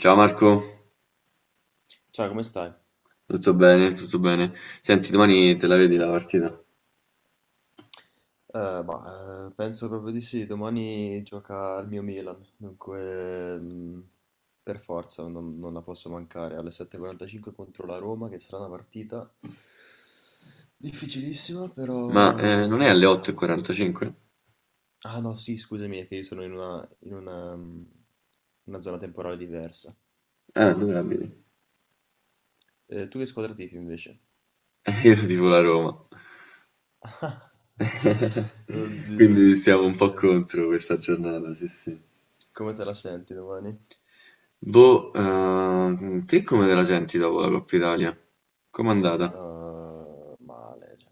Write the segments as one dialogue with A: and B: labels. A: Ciao Marco,
B: Ciao, come stai?
A: tutto bene, tutto bene. Senti, domani te la vedi la partita?
B: Penso proprio di sì, domani gioca il mio Milan, dunque per forza non la posso mancare alle 7:45 contro la Roma, che sarà una partita difficilissima,
A: Ma non
B: però
A: è alle
B: vediamo.
A: 8:45?
B: Ah no, sì, scusami, è che io sono in una, una zona temporale diversa.
A: Ah, dove la vedi?
B: Tu che squadra tifi invece?
A: Io tifo la Roma,
B: Oddio,
A: quindi stiamo un po'
B: oddio,
A: contro questa giornata, sì sì.
B: come te la senti domani?
A: Boh, te come te la senti dopo la Coppa Italia? Com'è andata?
B: Male, cioè,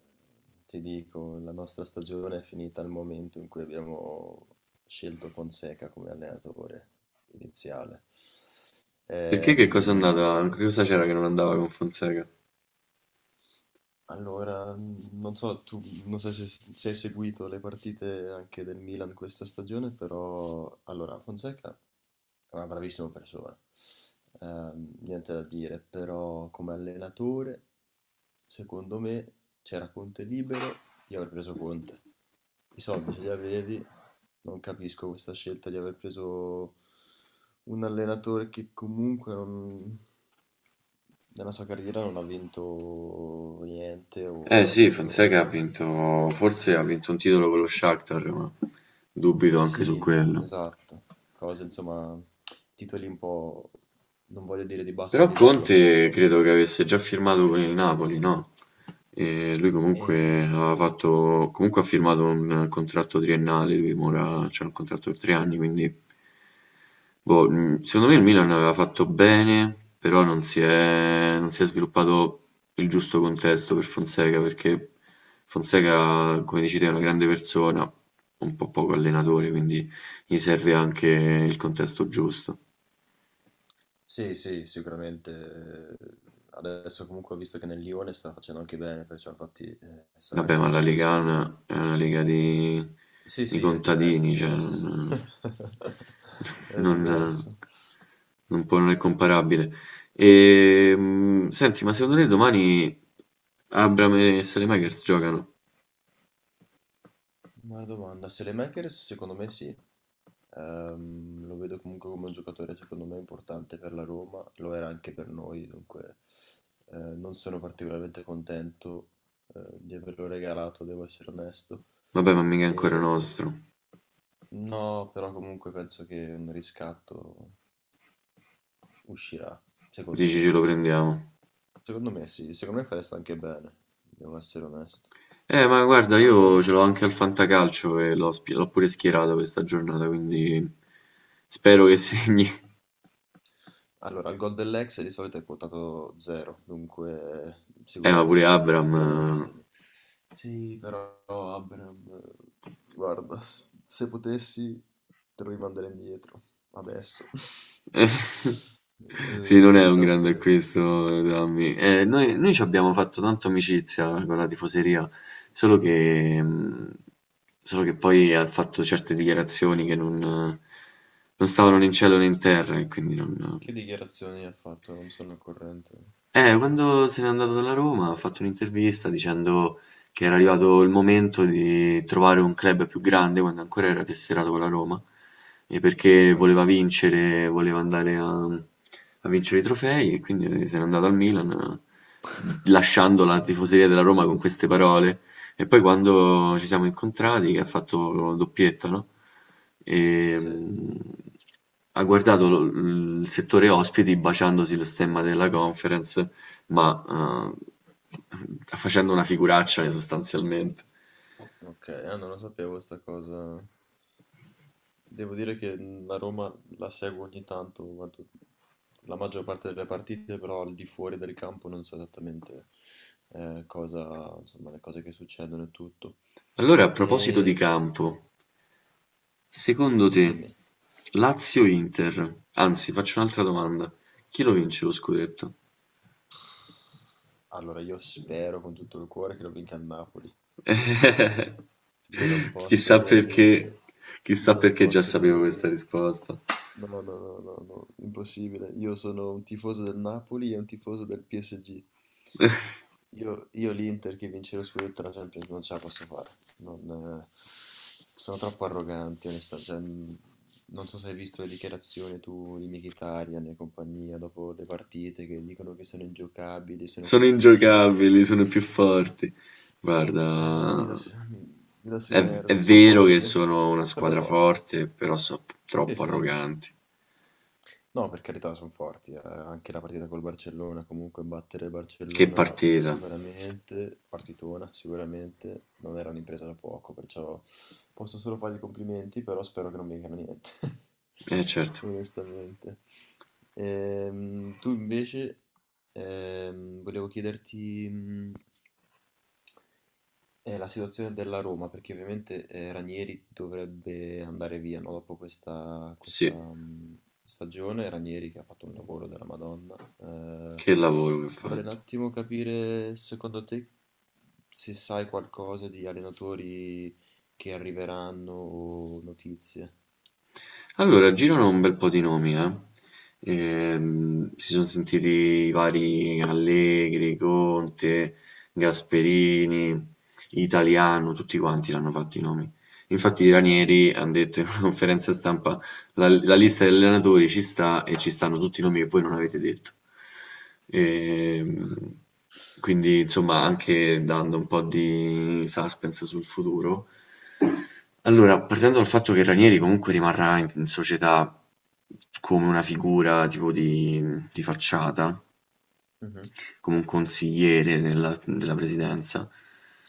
B: ti dico, la nostra stagione è finita al momento in cui abbiamo scelto Fonseca come allenatore iniziale.
A: Perché che cosa è
B: Ehm,
A: andata? Che cosa c'era che non andava con Fonseca?
B: Allora, non so, tu non so se hai seguito le partite anche del Milan questa stagione, però allora Fonseca è una bravissima persona, niente da dire, però come allenatore, secondo me, c'era Conte libero, io avrei preso Conte. I soldi ce li avevi, non capisco questa scelta di aver preso un allenatore che comunque non, nella sua carriera non ha vinto niente
A: Eh
B: o ha
A: sì, Fonseca ha
B: vinto...
A: vinto, forse ha vinto un titolo con lo Shakhtar, ma dubito anche su
B: Sì,
A: quello.
B: esatto, cose insomma, titoli un po', non voglio dire di basso
A: Però
B: livello, però
A: Conte
B: insomma.
A: credo che avesse già firmato con il Napoli, no? E lui comunque
B: E...
A: aveva fatto, comunque ha firmato un contratto triennale, lui ora c'ha un contratto per 3 anni, quindi boh, secondo me il Milan aveva fatto bene, però non si è sviluppato il giusto contesto per Fonseca, perché Fonseca, come dici te, è una grande persona, un po' poco allenatore, quindi gli serve anche il contesto giusto.
B: Sì, sì, sicuramente. Adesso comunque ho visto che nel Lione sta facendo anche bene, perciò infatti sarà
A: Vabbè,
B: anche
A: ma
B: un
A: la Lega
B: contesto di...
A: A è una lega di,
B: Sì,
A: di
B: sì, è diverso, è
A: contadini, cioè
B: diverso. È
A: non,
B: diverso.
A: non può, non è comparabile. E, senti, ma secondo te domani Abram e Saelemaekers giocano?
B: Buona domanda. Makers secondo me sì. Lo vedo comunque come un giocatore secondo me importante per la Roma, lo era anche per noi, dunque non sono particolarmente contento di averlo regalato, devo essere onesto.
A: Vabbè, ma mica è ancora
B: E,
A: nostro.
B: no, però comunque penso che un riscatto uscirà, secondo
A: Dici ce
B: me.
A: lo prendiamo.
B: Secondo me sì, secondo me fareste anche bene, devo essere onesto.
A: Ma guarda, io
B: Abra?
A: ce l'ho anche al Fantacalcio e l'ho pure schierato questa giornata, quindi spero che segni.
B: Allora, il gol dell'ex di solito è quotato 0, dunque
A: Ma pure
B: sicuramente,
A: Abram...
B: sicuramente sì. Sì, però Abraham, guarda, se potessi te lo rimanderei indietro, adesso.
A: eh, Sì, non è un
B: Senza
A: grande
B: offesa.
A: acquisto, Dammi. Noi ci abbiamo fatto tanta amicizia con la tifoseria, solo che, mh, solo che poi ha fatto certe dichiarazioni che non stavano né in cielo né in terra, e quindi non,
B: Che dichiarazioni ha fatto? Non sono al corrente.
A: quando se n'è andato dalla Roma ha fatto un'intervista dicendo che era arrivato il momento di trovare un club più grande quando ancora era tesserato con la Roma, e perché voleva
B: Ammazza.
A: vincere, voleva andare a vincere i trofei e quindi se n'è andato al Milan, lasciando la tifoseria della Roma con queste parole e poi quando ci siamo incontrati, che ha fatto doppietta, no?
B: Sì,
A: Ehm, ha guardato il settore ospiti baciandosi lo stemma della conference, ma eh, facendo una figuraccia sostanzialmente.
B: ok, ah, non lo sapevo sta cosa. Devo dire che la Roma la seguo ogni tanto, guardo la maggior parte delle partite, però al di fuori del campo non so esattamente cosa, insomma, le cose che succedono e tutto.
A: Allora, a proposito di
B: E
A: campo, secondo te
B: dimmi,
A: Lazio-Inter, anzi, faccio un'altra domanda, chi lo vince lo scudetto?
B: allora io spero con tutto il cuore che lo vinca il Napoli. Io non posso
A: Chissà
B: vedere l'Inter,
A: perché,
B: io
A: chissà
B: non
A: perché già
B: posso
A: sapevo
B: vedere
A: questa
B: l'Inter.
A: risposta.
B: No, no, no, no, no, impossibile. Io sono un tifoso del Napoli e un tifoso del PSG. Io l'Inter che vince lo scudetto alla Champions non ce la posso fare. Non, sono troppo arroganti, onestamente. Cioè, non so se hai visto le dichiarazioni tu di Mkhitaryan e compagnia dopo le partite che dicono che sono ingiocabili, sono
A: Sono
B: fortissimi.
A: ingiocabili, sono più forti.
B: Eh, mi, mi dà
A: Guarda,
B: su- mi- mi dà sui
A: è, è
B: nervi. Sono
A: vero che
B: forti, eh.
A: sono una
B: Sono
A: squadra
B: forti.
A: forte, però sono
B: Sì,
A: troppo
B: sì, sì.
A: arroganti.
B: No, per carità, sono forti. Anche la partita col Barcellona, comunque battere il
A: Che
B: Barcellona
A: partita.
B: sicuramente, partitona sicuramente, non era un'impresa da poco, perciò posso solo fargli i complimenti, però spero che non mi vengano niente,
A: Eh certo,
B: onestamente. Tu invece, volevo chiederti, la situazione della Roma, perché ovviamente Ranieri dovrebbe andare via, no? Dopo questa,
A: sì,
B: stagione. Ranieri che ha fatto un lavoro della Madonna.
A: che lavoro che ho
B: Vorrei un
A: fatto.
B: attimo capire, secondo te, se sai qualcosa di allenatori che arriveranno o notizie.
A: Allora, girano un bel po' di nomi, eh. Si sono sentiti i vari Allegri, Conte, Gasperini, Italiano, tutti quanti l'hanno fatti i nomi. Infatti i
B: Mhm.
A: Ranieri hanno detto in una conferenza stampa la lista degli allenatori ci sta e ci stanno tutti i nomi che voi non avete detto. Ehm, quindi, insomma, anche dando un po' di suspense sul futuro, allora, partendo dal fatto che Ranieri comunque rimarrà in società come una figura tipo di facciata,
B: Mhm.
A: come un consigliere della presidenza,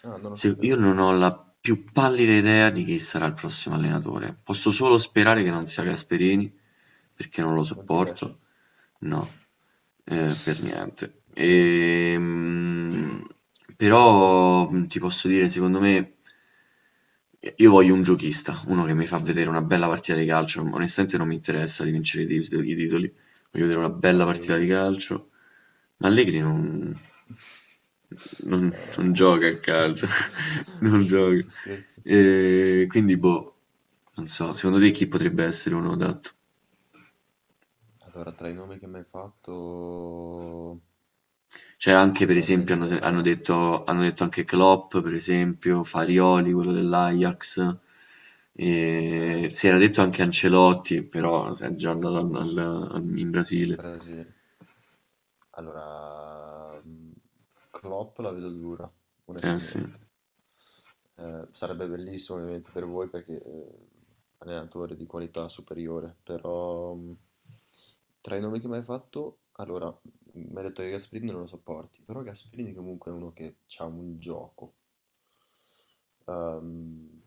B: Ah, non lo sapevo.
A: io non ho la più pallida idea di chi sarà il prossimo allenatore. Posso solo sperare che non sia Gasperini, perché non lo
B: Non ti
A: sopporto.
B: piace?
A: No, per niente.
B: Ok.
A: Però ti posso dire, secondo me, io voglio un giochista, uno che mi fa vedere una bella partita di calcio. Onestamente non mi interessa di vincere i titoli voglio vedere una bella partita di
B: Allegri.
A: calcio. Allegri
B: No, no,
A: non gioca
B: scherzo.
A: a calcio, non gioca.
B: Scherzo, scherzo.
A: E quindi, boh, non so, secondo te chi potrebbe essere uno adatto?
B: Allora, tra i nomi che mi hai fatto,
A: Cioè, anche per esempio,
B: probabilmente... Allora,
A: hanno detto anche Klopp, per esempio, Farioli, quello dell'Ajax.
B: ok,
A: E si era detto anche Ancelotti, però è già andato in
B: in
A: Brasile.
B: Brasile. Allora, Klopp la vedo dura,
A: Eh sì.
B: onestamente. Sarebbe bellissimo ovviamente per voi perché, allenatore di qualità superiore, però, tra i nomi che m'hai fatto, allora, mi hai detto che Gasperini non lo sopporti, però Gasperini comunque è uno che c'ha un gioco. Ehm,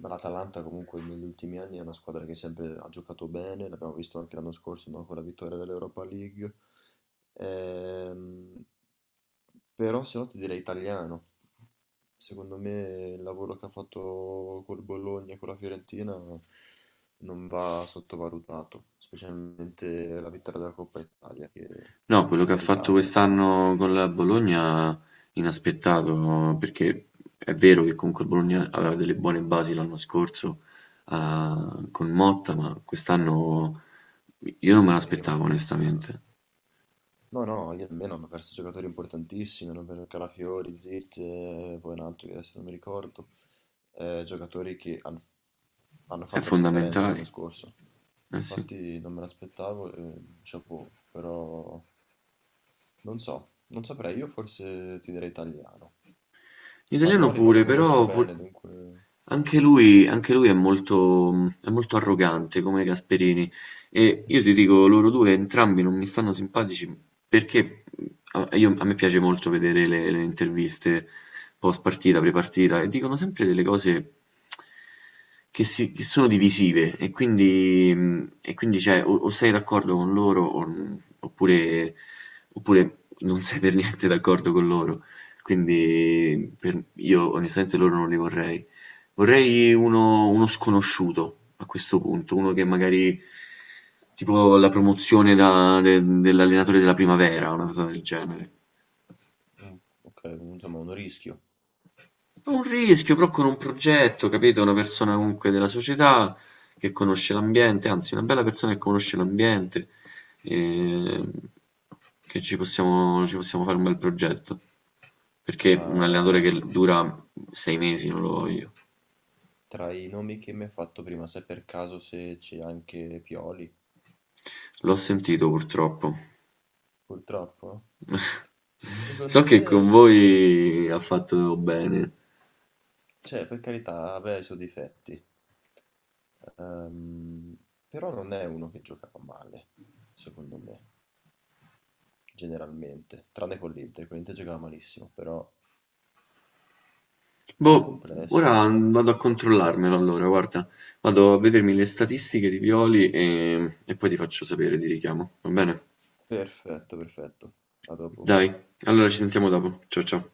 B: L'Atalanta comunque negli ultimi anni è una squadra che sempre ha giocato bene, l'abbiamo visto anche l'anno scorso, no, con la vittoria dell'Europa League. Ehm, Però se no ti direi italiano. Secondo me il lavoro che ha fatto col Bologna e con la Fiorentina non va sottovalutato, specialmente la vittoria della Coppa Italia che è
A: No, quello che ha fatto
B: meritata onestamente.
A: quest'anno con la Bologna inaspettato, perché è vero che comunque il Bologna aveva delle buone basi l'anno scorso ah, con Motta, ma quest'anno io non me
B: Sì, ma hanno
A: l'aspettavo
B: perso.
A: onestamente.
B: No, no, io almeno hanno perso giocatori importantissimi, hanno perso Calafiori, Zirze, poi un altro che adesso non mi ricordo, giocatori che hanno
A: È
B: fatto la differenza l'anno
A: fondamentale,
B: scorso.
A: eh sì.
B: Infatti non me l'aspettavo, chapeau, però non so, non saprei, io forse ti direi italiano.
A: L'italiano
B: Farioli non lo
A: pure,
B: conosco
A: però
B: bene, dunque
A: anche lui è molto arrogante come Gasperini e io ti dico, loro due entrambi non mi stanno simpatici perché a me piace molto vedere le interviste post partita, pre partita e dicono sempre delle cose che sono divisive e quindi, cioè, o sei d'accordo con loro oppure non sei per niente d'accordo con loro.
B: mm,
A: Quindi io onestamente loro non li vorrei. Vorrei uno sconosciuto a questo punto, uno che magari tipo la promozione dell'allenatore della primavera, una cosa del genere.
B: ok, insomma un rischio,
A: Un rischio, però con un progetto, capito? Una persona comunque della società che conosce l'ambiente, anzi, una bella persona che conosce l'ambiente, ehm, che ci possiamo fare un bel progetto. Perché
B: ma
A: un allenatore che dura 6 mesi non lo voglio.
B: tra i nomi che mi hai fatto prima, sai per caso se c'è anche Pioli?
A: L'ho sentito purtroppo.
B: Purtroppo?
A: So
B: Secondo
A: che con
B: me,
A: voi ha fatto bene.
B: cioè, per carità, aveva i suoi difetti. Ehm, Però non è uno che giocava male, secondo me, generalmente, tranne con l'Inter giocava malissimo, però dal
A: Boh, ora
B: complesso.
A: vado a controllarmelo allora, guarda. Vado a vedermi le statistiche di Pioli e poi ti faccio sapere, ti richiamo, va bene?
B: Perfetto, perfetto. A dopo.
A: Dai, allora ci sentiamo dopo. Ciao ciao.